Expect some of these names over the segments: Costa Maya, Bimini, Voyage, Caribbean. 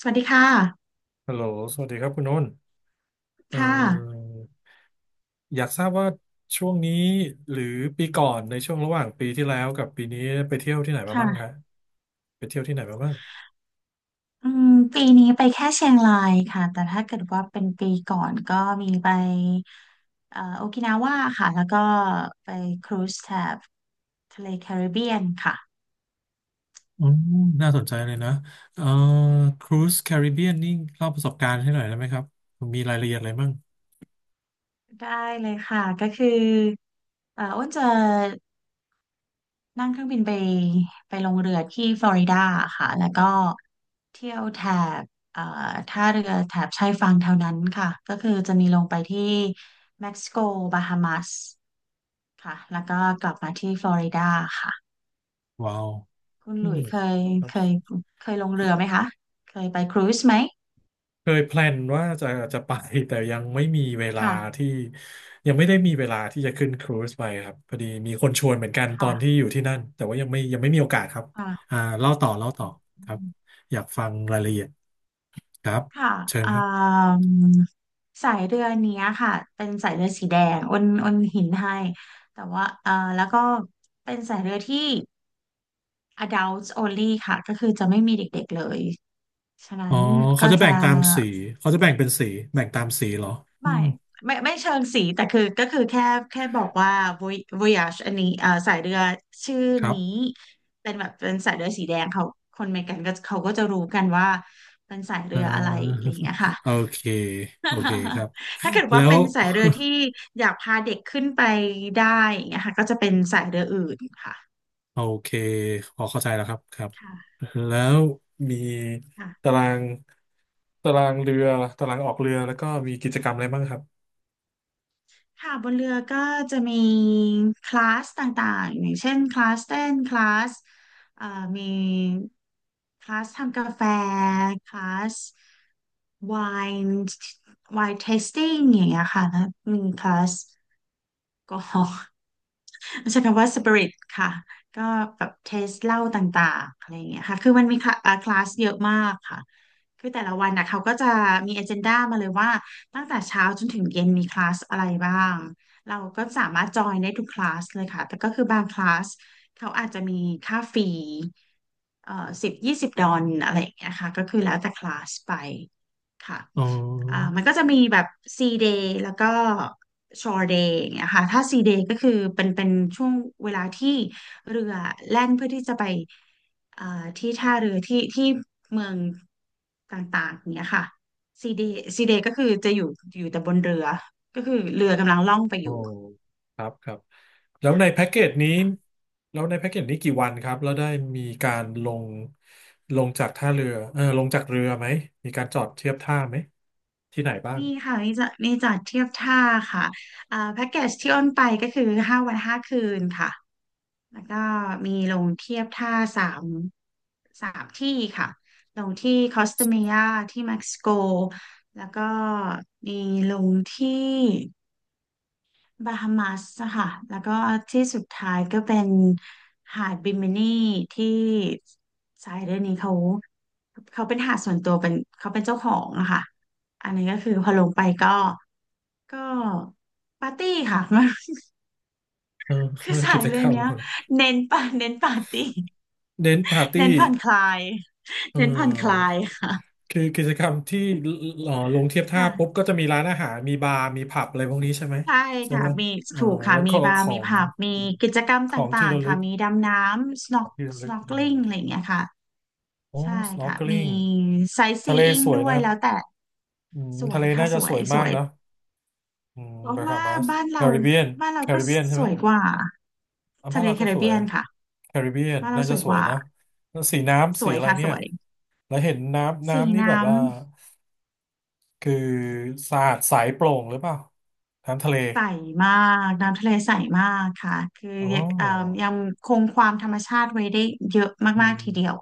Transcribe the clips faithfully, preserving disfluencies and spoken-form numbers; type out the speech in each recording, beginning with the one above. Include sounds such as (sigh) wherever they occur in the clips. สวัสดีค่ะฮัลโหลสวัสดีครับคุณโน้นเอ่ค่ะออยากทราบว่าช่วงนี้หรือปีก่อนในช่วงระหว่างปีที่แล้วกับปีนี้ไปเที่ยวที่ไหนมาบ้างค่ะคะไปเที่ยวที่ไหนมาบ้างอืมปีนี้ไปแค่เชียงรายค่ะแต่ถ้าเกิดว่าเป็นปีก่อนก็มีไปเอ่อโอกินาว่าค่ะแล้วก็ไปครูซแถบทะเลแคริบเบียนค่ะอืมน่าสนใจเลยนะเอ่อครูซแคริบเบียนนี่เล่าประสบการณ์ให้หน่อยได้ไหมครับ มีรายละเอียดอะไรบ้าง ได้เลยค่ะ ก็คือเอ่ออ้นจะนั่งเครื่องบินไปไปลงเรือที่ฟลอริดาค่ะแล้วก็เที่ยวแถบเอ่อท่าเรือแถบชายฝั่งแถวนั้นค่ะก็คือจะมีลงไปที่เม็กซิโกบาฮามัส ค่ะแล้วก็กลับมาที่ฟลอริดาค่ะว้าวคุณหอืลุมยเคยครับ เคยเคยลงเรือไหมคะเคยไปครูซไหมเคยแพลนว่าจะจะไป (laughs) แต่ยังไม่มีเวลาค่ะที่ยังไม่ได้มีเวลาที่จะขึ้นครูซไปครับพอดีมีคนชวนเหมือนกันตอนที่ค่ะอยู่ที่นั่นแต่ว่ายังไม่ยังไม่มีโอกาสครับค่ะอ่าเล่าต่อเล่าต่ออืครับมอยากฟังรายละเอียดครับค่ะเชิญอ่าครับมสายเรือเนี้ยค่ะเป็นสายเรือสีแดงอ้นอ้นหินให้แต่ว่าอ่าแล้วก็เป็นสายเรือที่ adults only ค่ะก็คือจะไม่มีเด็กๆเลยฉะอ๋นั้อนเขาก็จะแบ่จะ งตามสีเขาจะแบ่งเป็นสีแบ่งตามสีเหรออืไม่มไม่ไม่เชิงสีแต่คือก็คือแค่แค่บอกว่า Voy- Voyage อันนี้เอ่อสายเรือชื่อครับนี้เป็นแบบเป็นสายเรือสีแดงเขาคนอเมริกันก็เขาก็จะรู้กันว่าเป็นสายเรือ่า ออะไรอะไรอย่างเงี้ยค่ะ (laughs) โอเคโอเคครับ (laughs) ถ้าเกิดว่าแล้ว เป็นสายเรือที่อยากพาเด็กขึ้นไปได้อย่างเงี้ยค่ะก็จะเป็นสายเรืออื่นค่ะโอเคพอเข้าใจแล้วครับครับค่ะแล้วมีตาค่ะ รางตารางเรือตารางออกเรือแล้วก็มีกิจกรรมอะไรบ้างครับค่ะบนเรือก็จะมีคลาสต่างๆอย่างเช่นคลาสเต้นคลาสเอ่อมีคลาสทำกาแฟคลาสไวน์ไวน์เทสติ้งอย่างเงี้ยค่ะแล้วมีคลาสแอลกอฮอล์ มันใช้คำว่าสปิริตค่ะก็แบบเทสเหล้าต่างๆอะไรอย่างเงี้ยค่ะคือมันมีคลาเอ่อคลาสเยอะมากค่ะคือแต่ละวันนะเขาก็จะมี a อเจนดามาเลยว่าตั้งแต่เช้าจนถึงเย็นมีคลาสอะไรบ้างเราก็สามารถจอยได้ทุกคลาสเลยค่ะแต่ก็คือบางคลาสเขาอาจจะมีค่าฟรีเอ่อสิบยี่สิบดอลลาร์อะไรอย่างเงี้ยค่ะก็คือแล้วแต่คลาสไปค่ะ อ๋ออ่ามันก็จะมีแบบ C day แล้วก็ shore day อย่างเงี้ยค่ะถ้า C day ก็คือเป็นเป็นช่วงเวลาที่เรือแล่นเพื่อที่จะไปอ่าที่ท่าเรือที่ที่เมืองต่างๆอย่างเงี้ยค่ะ C day C day ก็คือจะอยู่อยู่แต่บนเรือก็คือเรือกำลังล่องไปอโอ้ยู่ ครับครับแล้วในแพ็กเกจนี้แล้วในแพ็กเกจนี้กี่วันครับแล้วได้มีการลงลงจากท่าเรือเออลงจากเรือไหมมีการจอดเทียบท่าไหมที่ไหนบ้างนี่ค่ะมีจัดี่จัดเทียบท่าค่ะอ่าแพ็กเกจที่อ้นไปก็คือห้าวันห้าคืนค่ะแล้วก็มีลงเทียบท่าสามสามที่ค่ะลงที่คอสตาเมียที่เม็กซิโกแล้วก็มีลงที่บาฮามัสค่ะแล้วก็ที่สุดท้ายก็เป็นหาดบิมินีที่สายเรือนนี้เขาเขาเป็นหาดส่วนตัวเป็นเขาเป็นเจ้าของอะค่ะอันนี้ก็คือพอลงไปก็ ก็ปาร์ตี้ค่ะ (laughs) เออ คือ (laughs) สากิยจเลกรยรมเนี้ยเน้นปาเน้นปาร์ตี้ เน้นปาร์ (laughs) ตี้เน้นผ่อนคลาย เ (laughs) เน้นผ่อนคลาออ ยค่ะคือกิจกรรมที่เอ่อลงเทียบท่าปุ๊บค่ะก็จะมีร้านอาหารมีบาร์มีผับอะไรพวกนี้ใช่ไหมใช่ใช่ค่ะไหมมีเอ่อถูกค่ะแล้วมีก็บาขร์อมีงผับมีกิจกรรมขตองที่่างระๆลึค่ะกมีดำน้ำ ขอ snork งที่ระลึกเอ่อ snorkeling อะไรอย่างเงี้ยค่ะโอ้ ใช่ค่ะมี snorkeling ทะเล sightseeing สวยด้วนะยครับแล้วแต่อืมสวทะยเลค่ะน่าสจะวสยวยสมากวยเนอะอืมเพราะบาฮาว่ามาสบ้านแคเราริบเบียนบ้านเราแคก็ริบเบียนใช่สไหมวยกว่าอ่ะบ้าทะนเลเราแคก็ริสบวเบียยนค่ะแคริบเบียนบ้านเราน่าสจะวยสกวยว่านะแล้วสีน้ำสสีวยอะไรค่ะเนี่สยวยแล้วเห็นน้ำสีน้ำนี่น้แบบว่าำ คือสะอาดใสโปร่งหรือเปล่าน้ำทะเล ใสมากน้ำทะเลใสมากค่ะคืออ๋อยังเอ่อยังคงความธรรมชาติไว้ได้เยอะอืมากๆทีเดียมว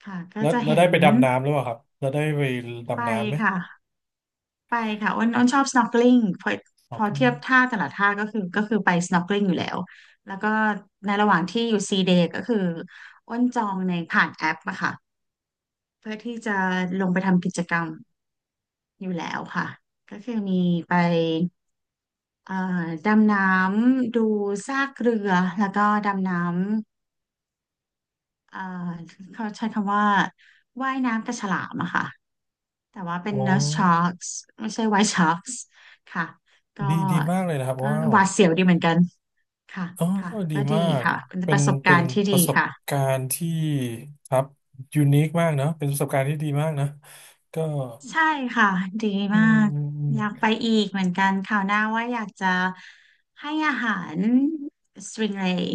ค่ะก็แล้วจะแล้วเห็ได้นไปดำน้ำหรือเปล่าครับแล้วได้ไปไปดำน้ำไหมค่ะไปค่ะอ้นอ้นชอบ snorkeling พออ๋พออเพิ่งเทียบท่าแต่ละท่าก็คือก็คือไป snorkeling อยู่แล้วแล้วก็ในระหว่างที่อยู่ซีเดก็คืออ้นจองในผ่านแอปอะค่ะเพื่อที่จะลงไปทำกิจกรรมอยู่แล้วค่ะก็คือมีไปเอ่อดำน้ำดูซากเรือแล้วก็ดำน้ อ่าเขาใช้คำว่าว่ายน้ำกับฉลามอะค่ะแต่ว่าเป็อ๋น อ nurse sharks ไม่ใช่ white sharks ค่ะก็ดีดีมากเลยนะครับก็ว้าวหวาดเสียวดีเหมือนกันค่ะอ๋อค่ะดีก็ดีมากค่ะเป็นเป็ปนระสบกาเป็นรณ์ที่ปดีระสบค่ะการณ์ที่ครับยูนิคมากเนอะเป็นประสบการณ์ที่ดีมากนะก็ใช่ค่ะดีอืมามกอืมอืมอยากไปอีกเหมือนกันคราวหน้าว่าอยากจะให้อาหารสตริงเรย์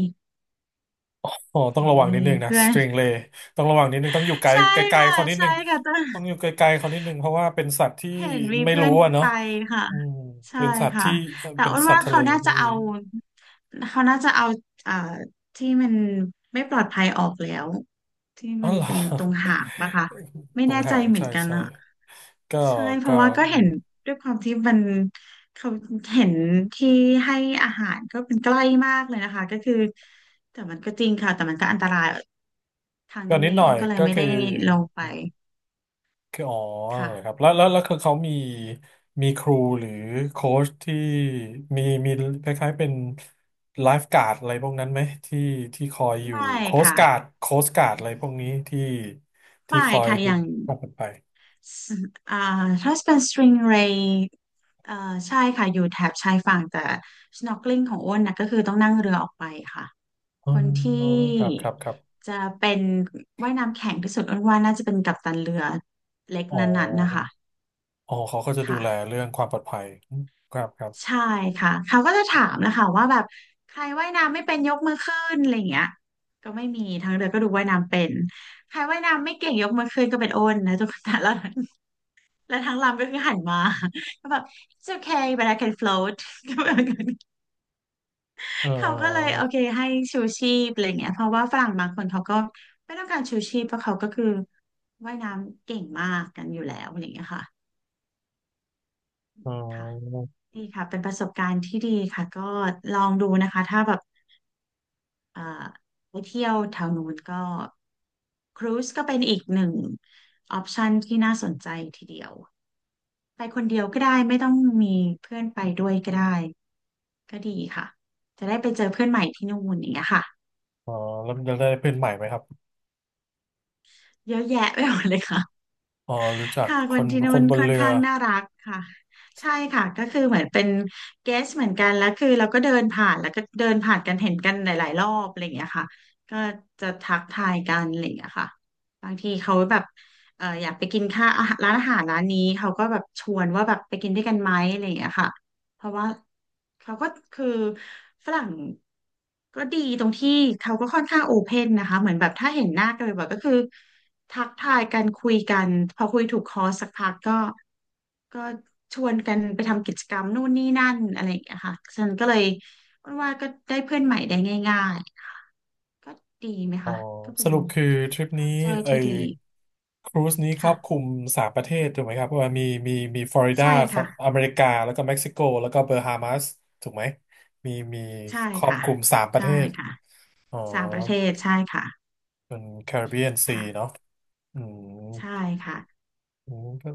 อ๋อต้อเห็งนระวังนิมีดนึงนะเพื่อสน ตริงเลย์ต้องระวังนิดนึงต้องอยู่ไกล (laughs) ใช่ไกลค่ะๆเขานิดใช่นึงค่ะ ต้องอยู่ไกลๆเขานิดนึงเพราะว่าเป็นสัตว์ที่เห็นมีไม่เพื่อรู้นอะไปเนาะค่ะอืมใช่เป็นสัตว์ค่ะที่เอ่อแต่เป็นอ้วนสัตว่าว์ทะเขาเลน่าจะที่ เอาเขาน่าจะเอาอ่าที่มันไม่ปลอดภัยออกแล้วที่อ๋อมันเหรอ เป็นตรงหางปะคะ (laughs) ไม่ตรงแน่ใจหางเหมือใช่นกันใช่อะก็ใช่เพก็ราะว่าก็อืเห็มนด้วยความที่มันเขาเห็นที่ให้อาหารก็เป็นใกล้มากเลยนะคะก็คือแต่มันก็จริงค่ะแต่มันก็อันตรายครั้งก็นิดนี้หน่ออ้ยนก็เลยก็ไม่คืได้อลงไปคืออ๋อค่ะเหรอครับแล้วแล้วแล้วคือเขามีมีครูหรือโค้ชที่มีมีคล้ายๆเป็นไลฟ์การ์ดอะไรพวกนั้นไหมที่ที่คอยอยู่ไม่โค้ชค่ะการ์ดโค้ชการ์ดอะไรพวกนี้ที่ที่ไม่คอยค่ะอดูย่าง ความปลอดภัยสอ่าถ้าเป็นสตริงเรย์เอ่อใช่ค่ะอยู่แถบชายฝั่งแต่ snorkeling ของอ้นนะก็คือต้องนั่งเรือออกไปค่ะอ๋อคนที่ครับครับครับจะเป็นว่ายน้ำแข็งที่สุดอ้นว่าน่าจะเป็นกัปตันเรือเล็กอ๋นั้นๆนะอคะอ๋อเขาก็จะดูแลค่ะเรื่องความปลอดภัยครับครับใช่ค่ะเขาก็จะถามนะคะว่าแบบใครว่ายน้ำไม่เป็นยกมือขึ้นอะไรอย่างเงี้ยก็ไม่มีทางเรือก็ดูว่ายน้ำเป็นใครว่ายน้ำไม่เก่งยกมือขึ้นก็เป็นโอนนะทุกคน (laughs) แต่ละ แล้วทางลำก็คือหันมา (laughs) ก็แบบ it's okay but I can float (laughs) ก็แบบนั้นเอเขาก็เลยโอเคอ ให้ชูชีพอะไรเงี้ยเพราะว่าฝรั่งบางคนเขาก็ไม่ต้องการชูชีพเพราะเขาก็คือว่ายน้ำเก่งมากกันอยู่แล้วอะไรเงี้ยค่ะอ๋ค่ะอดีค่ะเป็นประสบการณ์ที่ดีค่ะ ก็ลองดูนะคะ ถ้าแบบเอ่อไปเที่ยวแถวนู้นก็ครูซก็เป็นอีกหนึ่งออปชันที่น่าสนใจทีเดียว ไปคนเดียวก็ได้ไม่ต้องมีเพื่อนไปด้วยก็ได้ ก็ดีค่ะ จะได้ไปเจอเพื่อนใหม่ที่นู่นอย่างเงี้ยค่ะอ๋อแล้วจะได้เพื่อนใหม่ไหมครับเยอะแยะไปหมดเลยค่ะอ๋อรู้จักค่ะคคนนที่คนู่นนบนค่อนเรือข้างน่ารักค่ะ ใช่ค่ะก็คือเหมือนเป็นเกสเหมือนกัน แล้วคือเราก็เดินผ่าน แล้วก็เดินผ่านกันเห็นกันหลายๆรอบอะไรอย่างเงี้ยค่ะก็จะทักทายกันอะไรอย่างเงี้ยค่ะบางทีเขาแบบเอออยากไปกินข้าวอาหารร้านอาหารร้านนี้เขาก็แบบชวนว่าแบบไปกินด้วยกันไหมอะไรอย่างเงี้ยค่ะเพราะว่าเขาก็คือฝรั่ง ก็ดีตรงที่เขาก็ค่อนข้างโอเพนนะคะเหมือนแบบถ้าเห็นหน้ากันบ่อยๆก็คือทักทายกันคุยกันพอคุยถูกคอสักพักก็ก็ชวนกันไปทำกิจกรรมนู่นนี่นั่นอะไรอย่างเงี้ยค่ะฉันก็เลยว่าก็ได้เพื่อนใหม่ได้ง่ายๆก็ดีไหมอ๋อคะก็เป็สน รุปคือทริปนี้ culture ไอ้ที่ดีครูซนี้ครอค่ะบคลุมสามประเทศถูกไหมครับว่ามีมีมีฟลอริดาใช่ขอค่ะงอเมริกาแล้วก็เม็กซิโกแล้วก็เบอร์ฮามาสถูกไหม มีมีใช่ครอบค่ะคลุมสามประใช่เทศค่ะอ๋อสามประเทศใช่ค่ะเป็นแคริบเบียนซีค่ะเนาะอืมใช่ค่ะ อืมก็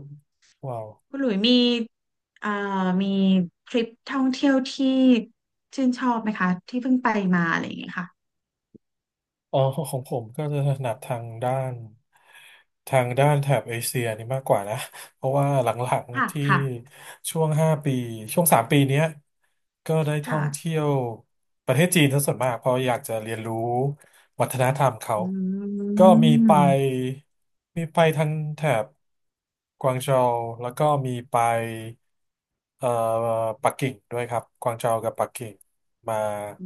ว้าว คุณหลุยมีเอ่อมีทริปท่องเที่ยวที่ชื่นชอบไหมคะที่เพิ่งไปมาอะไรอย่างเงี้ยค่ะอ๋อของผมก็จะถนัดทางด้านทางด้านแถบเอเชียนี่มากกว่านะเพราะว่าหลังค่ะๆที่ค่ะช่วงห้าปีช่วงสามปีเนี้ยก็ได้ท่อค่ะงเที่ยวประเทศจีนซะส่วนมากเพราะอยากจะเรียนรู้วัฒนธรรมเขาอืก็มีไปมมีไปทางแถบกวางโจวแล้วก็มีไปเอ่อปักกิ่งด้วยครับกวางโจวกับปักกิ่งมา อื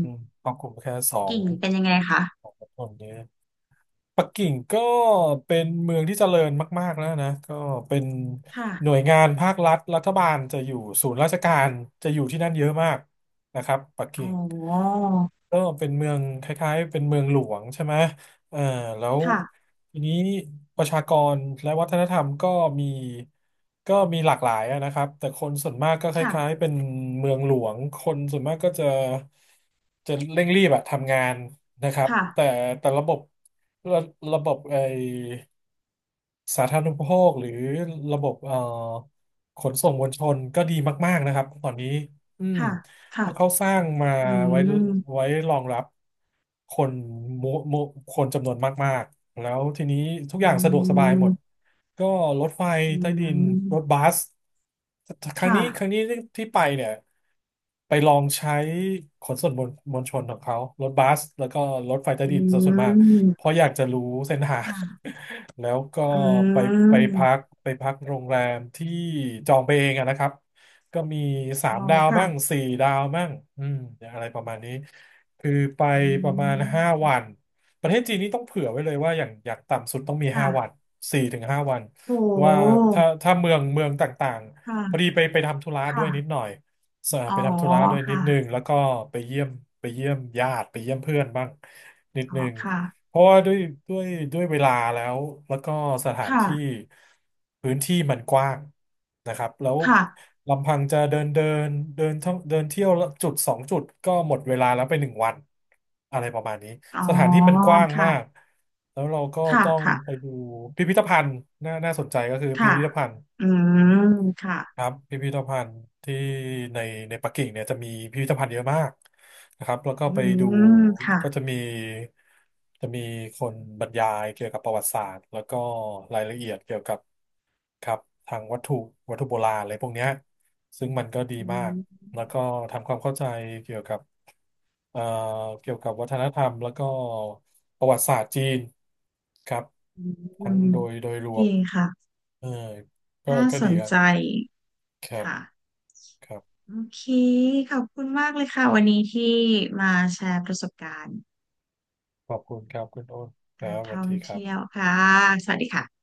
อืมของกลุ่มแค่สองกิ่งเป็นยังไงคะของคนเนี้ยปักกิ่งก็เป็นเมืองที่เจริญมากๆแล้วนะก็เป็นค่ะหน่วยงานภาครัฐรัฐบาลจะอยู่ศูนย์ราชการจะอยู่ที่นั่นเยอะมากนะครับปักอ๋อกิ่ง ก็เป็นเมืองคล้ายๆเป็นเมืองหลวงใช่ไหมเอ่าแล้วค่ะทีนี้ประชากรและวัฒนธรรมก็มีก็มีหลากหลายอะนะครับแต่คนส่วนมากก็คค่ะล้ายๆเป็นเมืองหลวงคนส่วนมากก็จะจะเร่งรีบอะทำงานนะครับแต่ค่ะแต่ระบบระระบบไอ สาธารณูปโภคหรือระบบเอ่อขนส่งมวลชนก็ดีมากๆนะครับตอนนี้อืมค่ะเพค่ะราะเขาสร้างมาอืไว้มไว้รองรับคนมุมุคนจำนวนมากๆแล้วทีนี้ทุอืกอย่างสะดวกสบายหมด มก็รถไฟอืใต้ดินรถมบัสครั้งค่ะนี้ครั้งนี้ที่ไปเนี่ยไปลองใช้ขนส่งมวลมวลชนของเขารถบัสแล้วก็รถไฟใต้อืดินซะส่วนมากเพมราะอยากจะรู้เส้นทาง ค่ะ (laughs) แล้วก็อืไปไปพักมไปพักโรงแรมที่จองไปเองอะนะครับก็มีสาอ๋มอดาวค่ะบ้างสี่ดาวบ้างอืมอะไรประมาณนี้คือไปอืประมาณห้ามวัน ประเทศจีนนี่ต้องเผื่อไว้เลยว่าอย่างอย่างต่ำสุดต้องมีห้าวันค่ะสี่ถึงห้าวันโว่าห ถ้าถ้าเมืองเมืองต่างๆพอดีค่ะไปไปทำธุระด้วยนิดค่ะหน่อยสอ๋ไปอทำธุระด้วยนิดค่ะ นึงแล้วก็ไปเยี่ยมไปเยี่ยมญาติไปเยี่ยมเพื่อนบ้างนิดอ๋อนึง ค่ะเพราะว่าด้วยด้วยด้วยเวลาแล้ว แล้วก็สถานที่ค่ะพื้นที่มันกว้างนะครับแล้วค่ะลำพังจะเดินเดินเดินท่องเดินเที่ยวละจุดสองจุดก็หมดเวลาแล้วไปหนึ่งวันอะไรประมาณนี้อ๋อสถานที่มันกว้างมากค่ะแล้วเราก็ค่ะต้องค่ะไปดูพิพิธภัณฑ์น่าน่าสนใจก็คือพิค่ะพิธภัณฑ์ อืมค่ะครับพิพิธภัณฑ์ที่ในในปักกิ่งเนี่ยจะมีพิพิธภัณฑ์เยอะมากนะครับแล้วก็อืไปดูมค่ะก็จะมีจะมีคนบรรยายเกี่ยวกับประวัติศาสตร์แล้วก็รายละเอียดเกี่ยวกับครับทางวัตถุวัตถุโบราณอะไรพวกเนี้ยซึ่งมันก็ดีอืมากมแล้วก็ทำความเข้าใจเกี่ยวกับเอ่อเกี่ยวกับวัฒนธรรมแล้วก็ประวัติศาสตร์จีนครับอืทั้งมโดยโดยรวดีมค่ะเออก็น่าก็สดีนครับใจค่ะ ครับ โอเค ขอบคุณมากเลยค่ะ วันนี้ที่มาแชร์ประสบการณ์ขอบคุณครับคุณโอ้นคการัรบสวัสท่องดีครับเที่ยวค่ะสวัสดีค่ะ